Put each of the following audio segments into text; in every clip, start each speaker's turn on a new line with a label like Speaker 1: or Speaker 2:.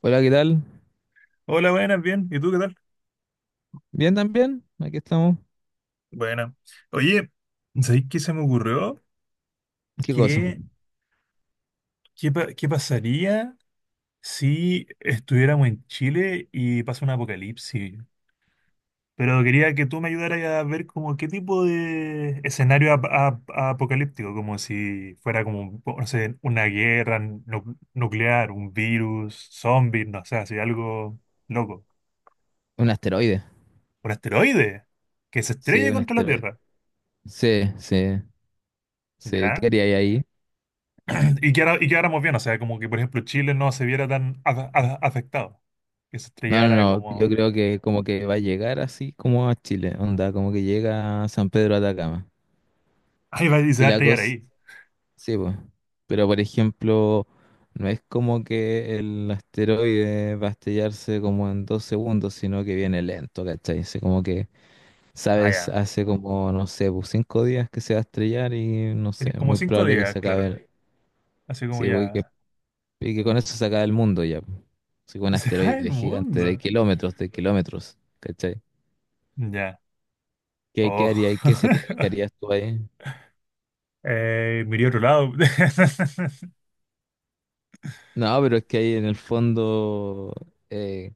Speaker 1: Hola, ¿qué tal?
Speaker 2: Hola, buenas, bien. ¿Y tú qué tal?
Speaker 1: Bien también, aquí estamos.
Speaker 2: Buena. Oye, ¿sabéis qué se me ocurrió?
Speaker 1: ¿Qué cosa?
Speaker 2: ¿Qué, ¿Qué pasaría si estuviéramos en Chile y pasa un apocalipsis? Pero quería que tú me ayudaras a ver como qué tipo de escenario apocalíptico, como si fuera como, un no sé, una guerra nuclear, un virus, zombies, no sé, así algo loco.
Speaker 1: Un asteroide.
Speaker 2: ¿Un asteroide que se
Speaker 1: Sí,
Speaker 2: estrelle
Speaker 1: un
Speaker 2: contra la
Speaker 1: asteroide.
Speaker 2: Tierra?
Speaker 1: Sí, sí, sí.
Speaker 2: ¿Ya?
Speaker 1: ¿Qué haría ahí?
Speaker 2: Y que y quedáramos bien, o sea, como que por ejemplo Chile no se viera tan afectado, que se
Speaker 1: No, no,
Speaker 2: estrellara
Speaker 1: no. Yo
Speaker 2: como...
Speaker 1: creo que como que va a llegar así como a Chile. Onda, como que llega a San Pedro de Atacama.
Speaker 2: Ahí va, y se
Speaker 1: Y
Speaker 2: va a
Speaker 1: la
Speaker 2: estrellar
Speaker 1: cosa,
Speaker 2: ahí.
Speaker 1: sí, pues. Pero por ejemplo, no es como que el asteroide va a estrellarse como en 2 segundos, sino que viene lento, ¿cachai? Sí, como que.
Speaker 2: Ah,
Speaker 1: Sabes,
Speaker 2: ya.
Speaker 1: hace como, no sé, pues, 5 días que se va a estrellar y no
Speaker 2: Tenés
Speaker 1: sé,
Speaker 2: como
Speaker 1: muy
Speaker 2: cinco
Speaker 1: probable que
Speaker 2: días,
Speaker 1: se acabe.
Speaker 2: claro.
Speaker 1: el-
Speaker 2: Así como
Speaker 1: Sí, pues, y que,
Speaker 2: ya...
Speaker 1: y que con eso se acabe el mundo ya, pues. Así un
Speaker 2: Y se cae el
Speaker 1: asteroide gigante
Speaker 2: mundo.
Speaker 1: de kilómetros, ¿cachai?
Speaker 2: Ya.
Speaker 1: ¿Qué
Speaker 2: Oh.
Speaker 1: haría y qué sería lo que harías tú ahí?
Speaker 2: Miré a otro lado.
Speaker 1: No, pero es que ahí en el fondo, eh,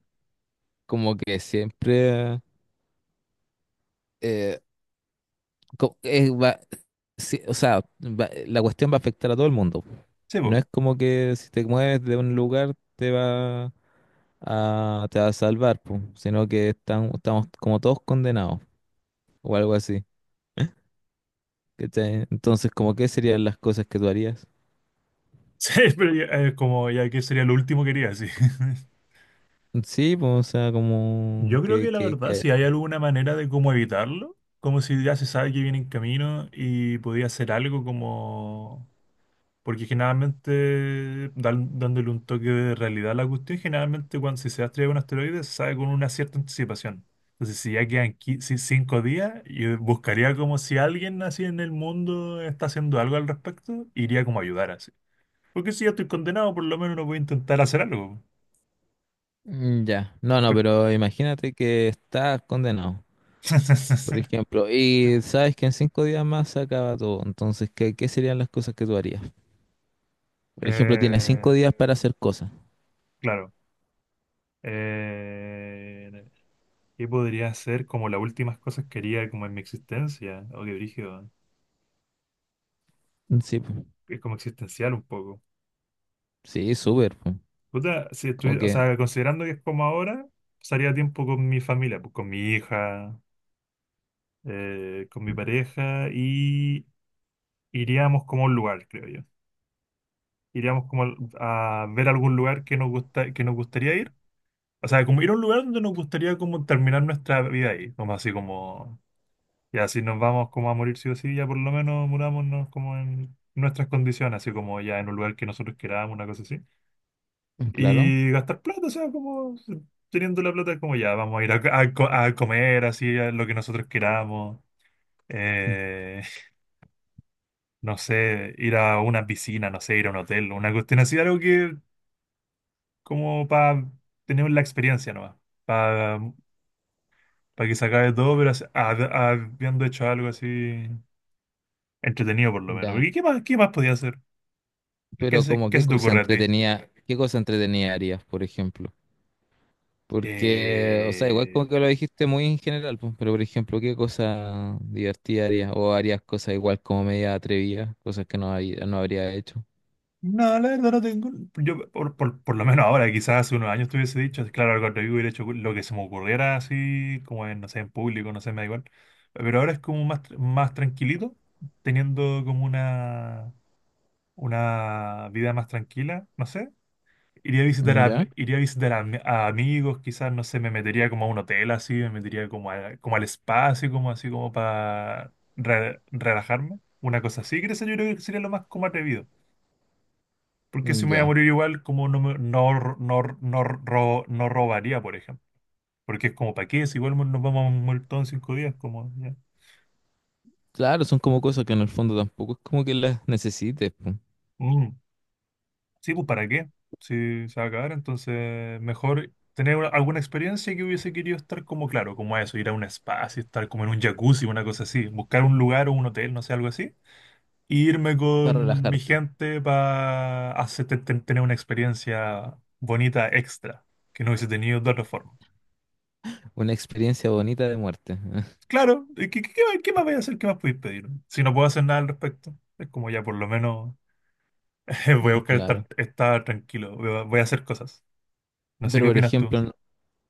Speaker 1: como que siempre eh, co- eh, va- sí, o sea, la cuestión va a afectar a todo el mundo.
Speaker 2: Sí,
Speaker 1: No
Speaker 2: po.
Speaker 1: es como que si te mueves de un lugar te va a salvar, po, sino que estamos como todos condenados o algo así. ¿Cachai? ¿Entonces, como qué serían las cosas que tú harías?
Speaker 2: Sí, pero ya, como ya que sería lo último que haría, sí.
Speaker 1: Sí, pues, o sea,
Speaker 2: Yo
Speaker 1: como
Speaker 2: creo que la verdad,
Speaker 1: que-
Speaker 2: si hay alguna manera de cómo evitarlo, como si ya se sabe que viene en camino y podía hacer algo como... Porque generalmente, dándole un toque de realidad a la cuestión, generalmente cuando si se va a estrellar un asteroide, se sabe con una cierta anticipación. Entonces, si ya quedan cinco días, yo buscaría como si alguien así en el mundo está haciendo algo al respecto, iría como a ayudar así. Porque si ya estoy condenado, por lo menos no voy a intentar hacer algo.
Speaker 1: Mm, ya, no, no,
Speaker 2: Pero-
Speaker 1: pero imagínate que estás condenado, por ejemplo, y sabes que en 5 días más se acaba todo, entonces, ¿Qué serían las cosas que tú harías? Por ejemplo, tiene
Speaker 2: Eh,
Speaker 1: 5 días para hacer cosas.
Speaker 2: claro. Eh, ¿Qué podría ser como las últimas cosas que haría como en mi existencia? O qué brígido.
Speaker 1: Sí, po.
Speaker 2: Es como existencial un poco.
Speaker 1: Sí, súper, po.
Speaker 2: Puta, si
Speaker 1: Como
Speaker 2: o
Speaker 1: que,
Speaker 2: sea, considerando que es como ahora, pasaría tiempo con mi familia, pues, con mi hija, con mi pareja y iríamos como a un lugar, creo yo. Iríamos como a ver algún lugar que nos gusta, que nos gustaría ir. O sea, como ir a un lugar donde nos gustaría como terminar nuestra vida ahí, como así como, ya si nos vamos como a morir sí o sí, ya por lo menos murámonos como en nuestras condiciones, así como ya en un lugar que nosotros queramos, una cosa así.
Speaker 1: claro,
Speaker 2: Y gastar plata, o sea, como teniendo la plata, como ya, vamos a ir a, a comer así, a lo que nosotros queramos. Eh, no sé, ir a una piscina, no sé, ir a un hotel, una cuestión así, algo que como para tener la experiencia nomás, para que se acabe todo, pero habiendo hecho algo así entretenido por lo menos.
Speaker 1: ya.
Speaker 2: Porque qué más podía hacer?
Speaker 1: Pero como
Speaker 2: Qué se te ocurre a ti?
Speaker 1: qué cosa entretenida harías, por ejemplo. Porque, o sea, igual
Speaker 2: Eh,
Speaker 1: como que lo dijiste muy en general, po, pero por ejemplo, ¿qué cosa divertida harías? O harías cosas igual como media atrevidas, cosas que no, no habría hecho.
Speaker 2: No, la verdad no tengo. Yo, por lo menos ahora, quizás hace unos años te hubiese dicho, si claro, cuando yo hubiera hecho lo que se me ocurriera así, como en, no sé, en público, no sé, me da igual. Pero ahora es como más, más tranquilito, teniendo como una vida más tranquila, no sé. Iría a visitar a,
Speaker 1: ¿Ya?
Speaker 2: iría a visitar a, a amigos, quizás, no sé, me metería como a un hotel así, me metería como, como al espacio como, así como para relajarme. Una cosa así, creo que eso yo creo que sería lo más como atrevido porque si me voy a
Speaker 1: Ya.
Speaker 2: morir igual, como no, no, no, no, no robaría, por ejemplo. Porque es como, ¿para qué? Si igual nos vamos a morir todos en cinco días, como, ya.
Speaker 1: Claro, son como cosas que en el fondo tampoco es como que las necesites, po,
Speaker 2: Mm, sí, pues, ¿para qué? Si se va a acabar, entonces mejor tener alguna experiencia que hubiese querido estar como, claro, como a eso, ir a un spa, así, estar como en un jacuzzi, una cosa así, buscar un lugar o un hotel, no sé, algo así. E irme
Speaker 1: para
Speaker 2: con mi
Speaker 1: relajarte.
Speaker 2: gente para tener una experiencia bonita extra que no hubiese tenido de otra forma.
Speaker 1: Una experiencia bonita de muerte.
Speaker 2: Claro, ¿qué más qué más voy a hacer? ¿Qué más podéis pedir? Si no puedo hacer nada al respecto, es como ya por lo menos voy a
Speaker 1: Mm,
Speaker 2: buscar
Speaker 1: claro.
Speaker 2: estar, estar tranquilo, voy a, voy a hacer cosas. No sé
Speaker 1: Pero
Speaker 2: qué
Speaker 1: por
Speaker 2: opinas tú.
Speaker 1: ejemplo, no,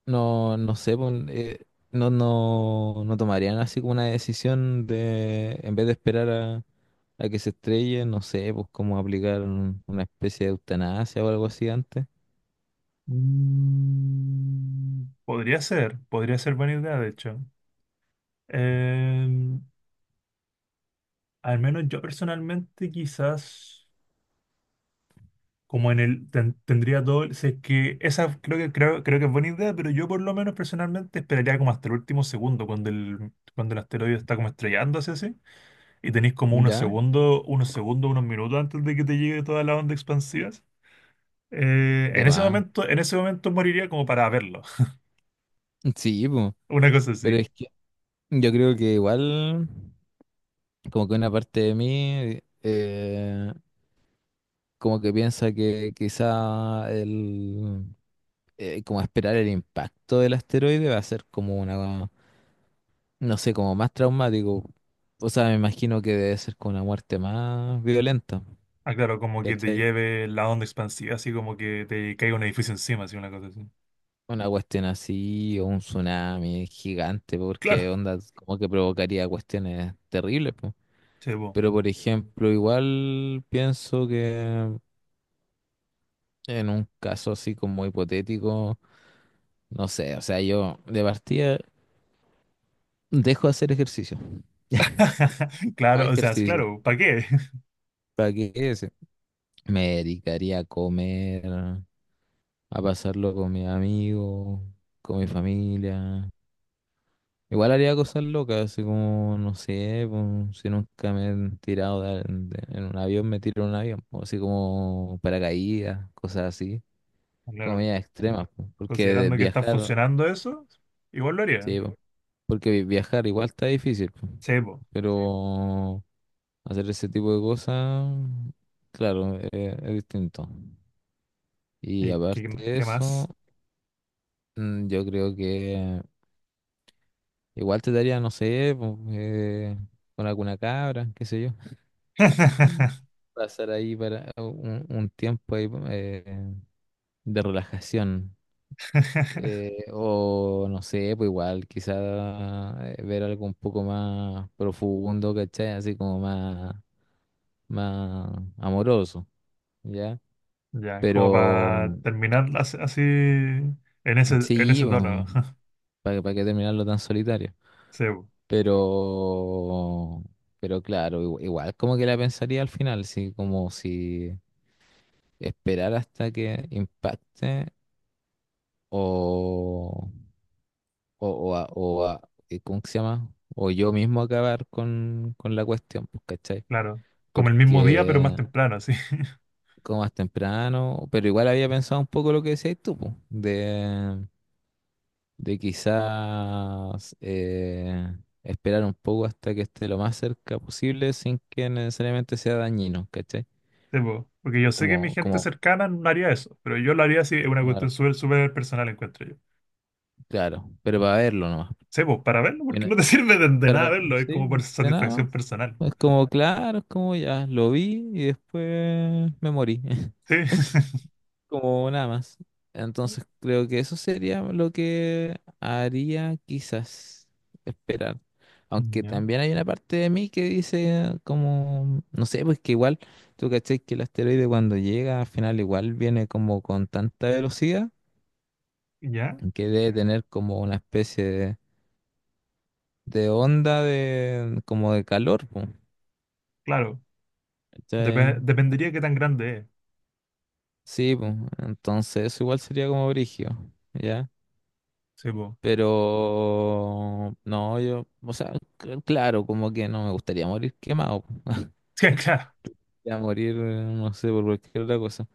Speaker 1: no, no sé, no, no, no tomarían así como una decisión de, en vez de esperar a que se estrelle, no sé, pues como aplicar una especie de eutanasia o algo así antes.
Speaker 2: Mm, podría ser buena idea, de hecho. Em, Al menos yo personalmente quizás como en el tendría todo, si es que esa creo que creo que es buena idea, pero yo por lo menos personalmente esperaría como hasta el último segundo cuando el asteroide está como estrellándose así. Y tenéis como unos
Speaker 1: ¿Ya?
Speaker 2: segundos, unos segundos, unos minutos antes de que te llegue toda la onda expansiva.
Speaker 1: De más.
Speaker 2: En ese momento moriría como para verlo.
Speaker 1: Sí, pues.
Speaker 2: Una cosa
Speaker 1: Pero
Speaker 2: así.
Speaker 1: es que yo creo que igual, como que una parte de mí, como que piensa que quizá como esperar el impacto del asteroide va a ser como una, no sé, como más traumático. O sea, me imagino que debe ser con una muerte más violenta,
Speaker 2: Ah, claro, como que te
Speaker 1: ¿cachai?
Speaker 2: lleve la onda expansiva, así como que te caiga un edificio encima, así una cosa así.
Speaker 1: Una cuestión así, o un tsunami gigante, porque
Speaker 2: Claro,
Speaker 1: onda como que provocaría cuestiones terribles, po.
Speaker 2: sí, po.
Speaker 1: Pero por ejemplo, igual pienso que en un caso así como hipotético, no sé, o sea, yo de partida dejo de hacer ejercicio. Más
Speaker 2: Claro, o sea, es
Speaker 1: ejercicio.
Speaker 2: claro, ¿para qué?
Speaker 1: ¿Para qué ese? Me dedicaría a comer, a pasarlo con mis amigos, con mi familia. Igual haría cosas locas, así como, no sé, pues, si nunca me he tirado en un avión, me tiro en un avión, pues, así como paracaídas, cosas así,
Speaker 2: Claro,
Speaker 1: comidas extremas, pues, porque
Speaker 2: considerando que está
Speaker 1: viajar,
Speaker 2: funcionando eso, igual lo haría.
Speaker 1: sí, pues, porque viajar igual está difícil, pues, sí.
Speaker 2: Sí, po.
Speaker 1: Pero hacer ese tipo de cosas, claro, es distinto. Y
Speaker 2: ¿Y qué,
Speaker 1: aparte de
Speaker 2: qué más?
Speaker 1: eso, yo creo que... Igual te daría, no sé, po, con alguna cabra, qué sé yo. Pasar ahí para un tiempo ahí, de relajación. O no sé, pues igual, quizá ver algo un poco más profundo, ¿cachai? Así como más, más amoroso, ¿ya?
Speaker 2: Ya, como para
Speaker 1: Pero
Speaker 2: terminar así en en
Speaker 1: sí,
Speaker 2: ese
Speaker 1: pues,
Speaker 2: tono.
Speaker 1: para qué terminarlo tan solitario.
Speaker 2: Sí, po,
Speaker 1: Pero, pero claro, igual como que la pensaría al final, sí, como si esperar hasta que impacte o, o, o, a- o a- ¿cómo que se llama? O yo mismo acabar con la cuestión, pues, ¿cachai?
Speaker 2: claro. Como el mismo día, pero más
Speaker 1: Porque
Speaker 2: temprano, así.
Speaker 1: como más temprano, pero igual había pensado un poco lo que decías tú, pues, de quizás esperar un poco hasta que esté lo más cerca posible sin que necesariamente sea dañino, ¿cachai?
Speaker 2: Sí, po, porque yo sé que mi
Speaker 1: Como,
Speaker 2: gente
Speaker 1: como,
Speaker 2: cercana no haría eso, pero yo lo haría así, es una cuestión
Speaker 1: claro,
Speaker 2: súper, súper personal, encuentro yo.
Speaker 1: claro, pero para verlo nomás.
Speaker 2: Sí, po, para verlo,
Speaker 1: Y
Speaker 2: porque
Speaker 1: no-
Speaker 2: no te sirve de nada
Speaker 1: Para,
Speaker 2: verlo, es
Speaker 1: sí,
Speaker 2: como por
Speaker 1: de nada más.
Speaker 2: satisfacción personal.
Speaker 1: Es como, claro, es como ya, lo vi y después me morí,
Speaker 2: Sí.
Speaker 1: como nada más. Entonces creo que eso sería lo que haría quizás esperar. Aunque
Speaker 2: Ya,
Speaker 1: también hay una parte de mí que dice como, no sé, pues que igual, tú caché que el asteroide cuando llega al final igual viene como con tanta velocidad
Speaker 2: ya,
Speaker 1: que debe tener como una especie de onda de como de calor, pues.
Speaker 2: claro.
Speaker 1: ¿Cachai?
Speaker 2: Dependería de qué tan grande es.
Speaker 1: Sí, pues. Entonces eso igual sería como brigio, ¿ya?
Speaker 2: Sí, po.
Speaker 1: Pero no, yo, o sea, claro, como que no me gustaría morir quemado, po. Me
Speaker 2: Sí, claro.
Speaker 1: gustaría morir, no sé, por cualquier otra cosa.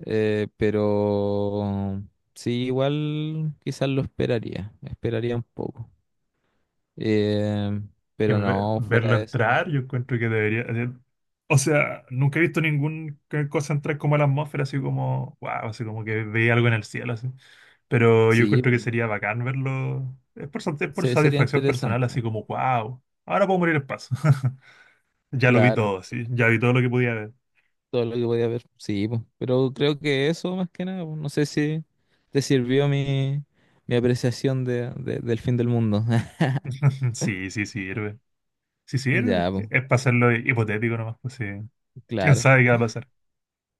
Speaker 1: Pero sí, igual quizás lo esperaría un poco. Eh,
Speaker 2: Que
Speaker 1: pero no, fuera
Speaker 2: verlo
Speaker 1: de eso,
Speaker 2: entrar, yo encuentro que debería. O sea, nunca he visto ninguna cosa entrar como a la atmósfera, así como, wow, así como que veía algo en el cielo, así. Pero yo
Speaker 1: sí,
Speaker 2: encuentro que sería bacán verlo. Es es por
Speaker 1: sería
Speaker 2: satisfacción personal, así
Speaker 1: interesante.
Speaker 2: como, wow, ahora puedo morir el paso. Ya lo vi
Speaker 1: Claro,
Speaker 2: todo, sí, ya vi todo lo que podía ver.
Speaker 1: todo lo que podía ver, sí, po. Pero creo que eso más que nada, po, no sé si te sirvió mi apreciación del fin del mundo.
Speaker 2: Sí, sí sirve. Sí
Speaker 1: Ya,
Speaker 2: sirve.
Speaker 1: pues,
Speaker 2: Es para hacerlo hipotético nomás, pues sí. ¿Quién
Speaker 1: claro,
Speaker 2: sabe qué va a pasar?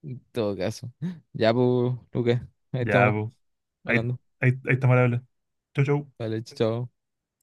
Speaker 1: en todo caso. Ya, pues, Lucas, ahí
Speaker 2: Ya,
Speaker 1: estamos
Speaker 2: pues. Ahí,
Speaker 1: hablando.
Speaker 2: ahí estamos al habla. Chau, chau.
Speaker 1: Vale, chao.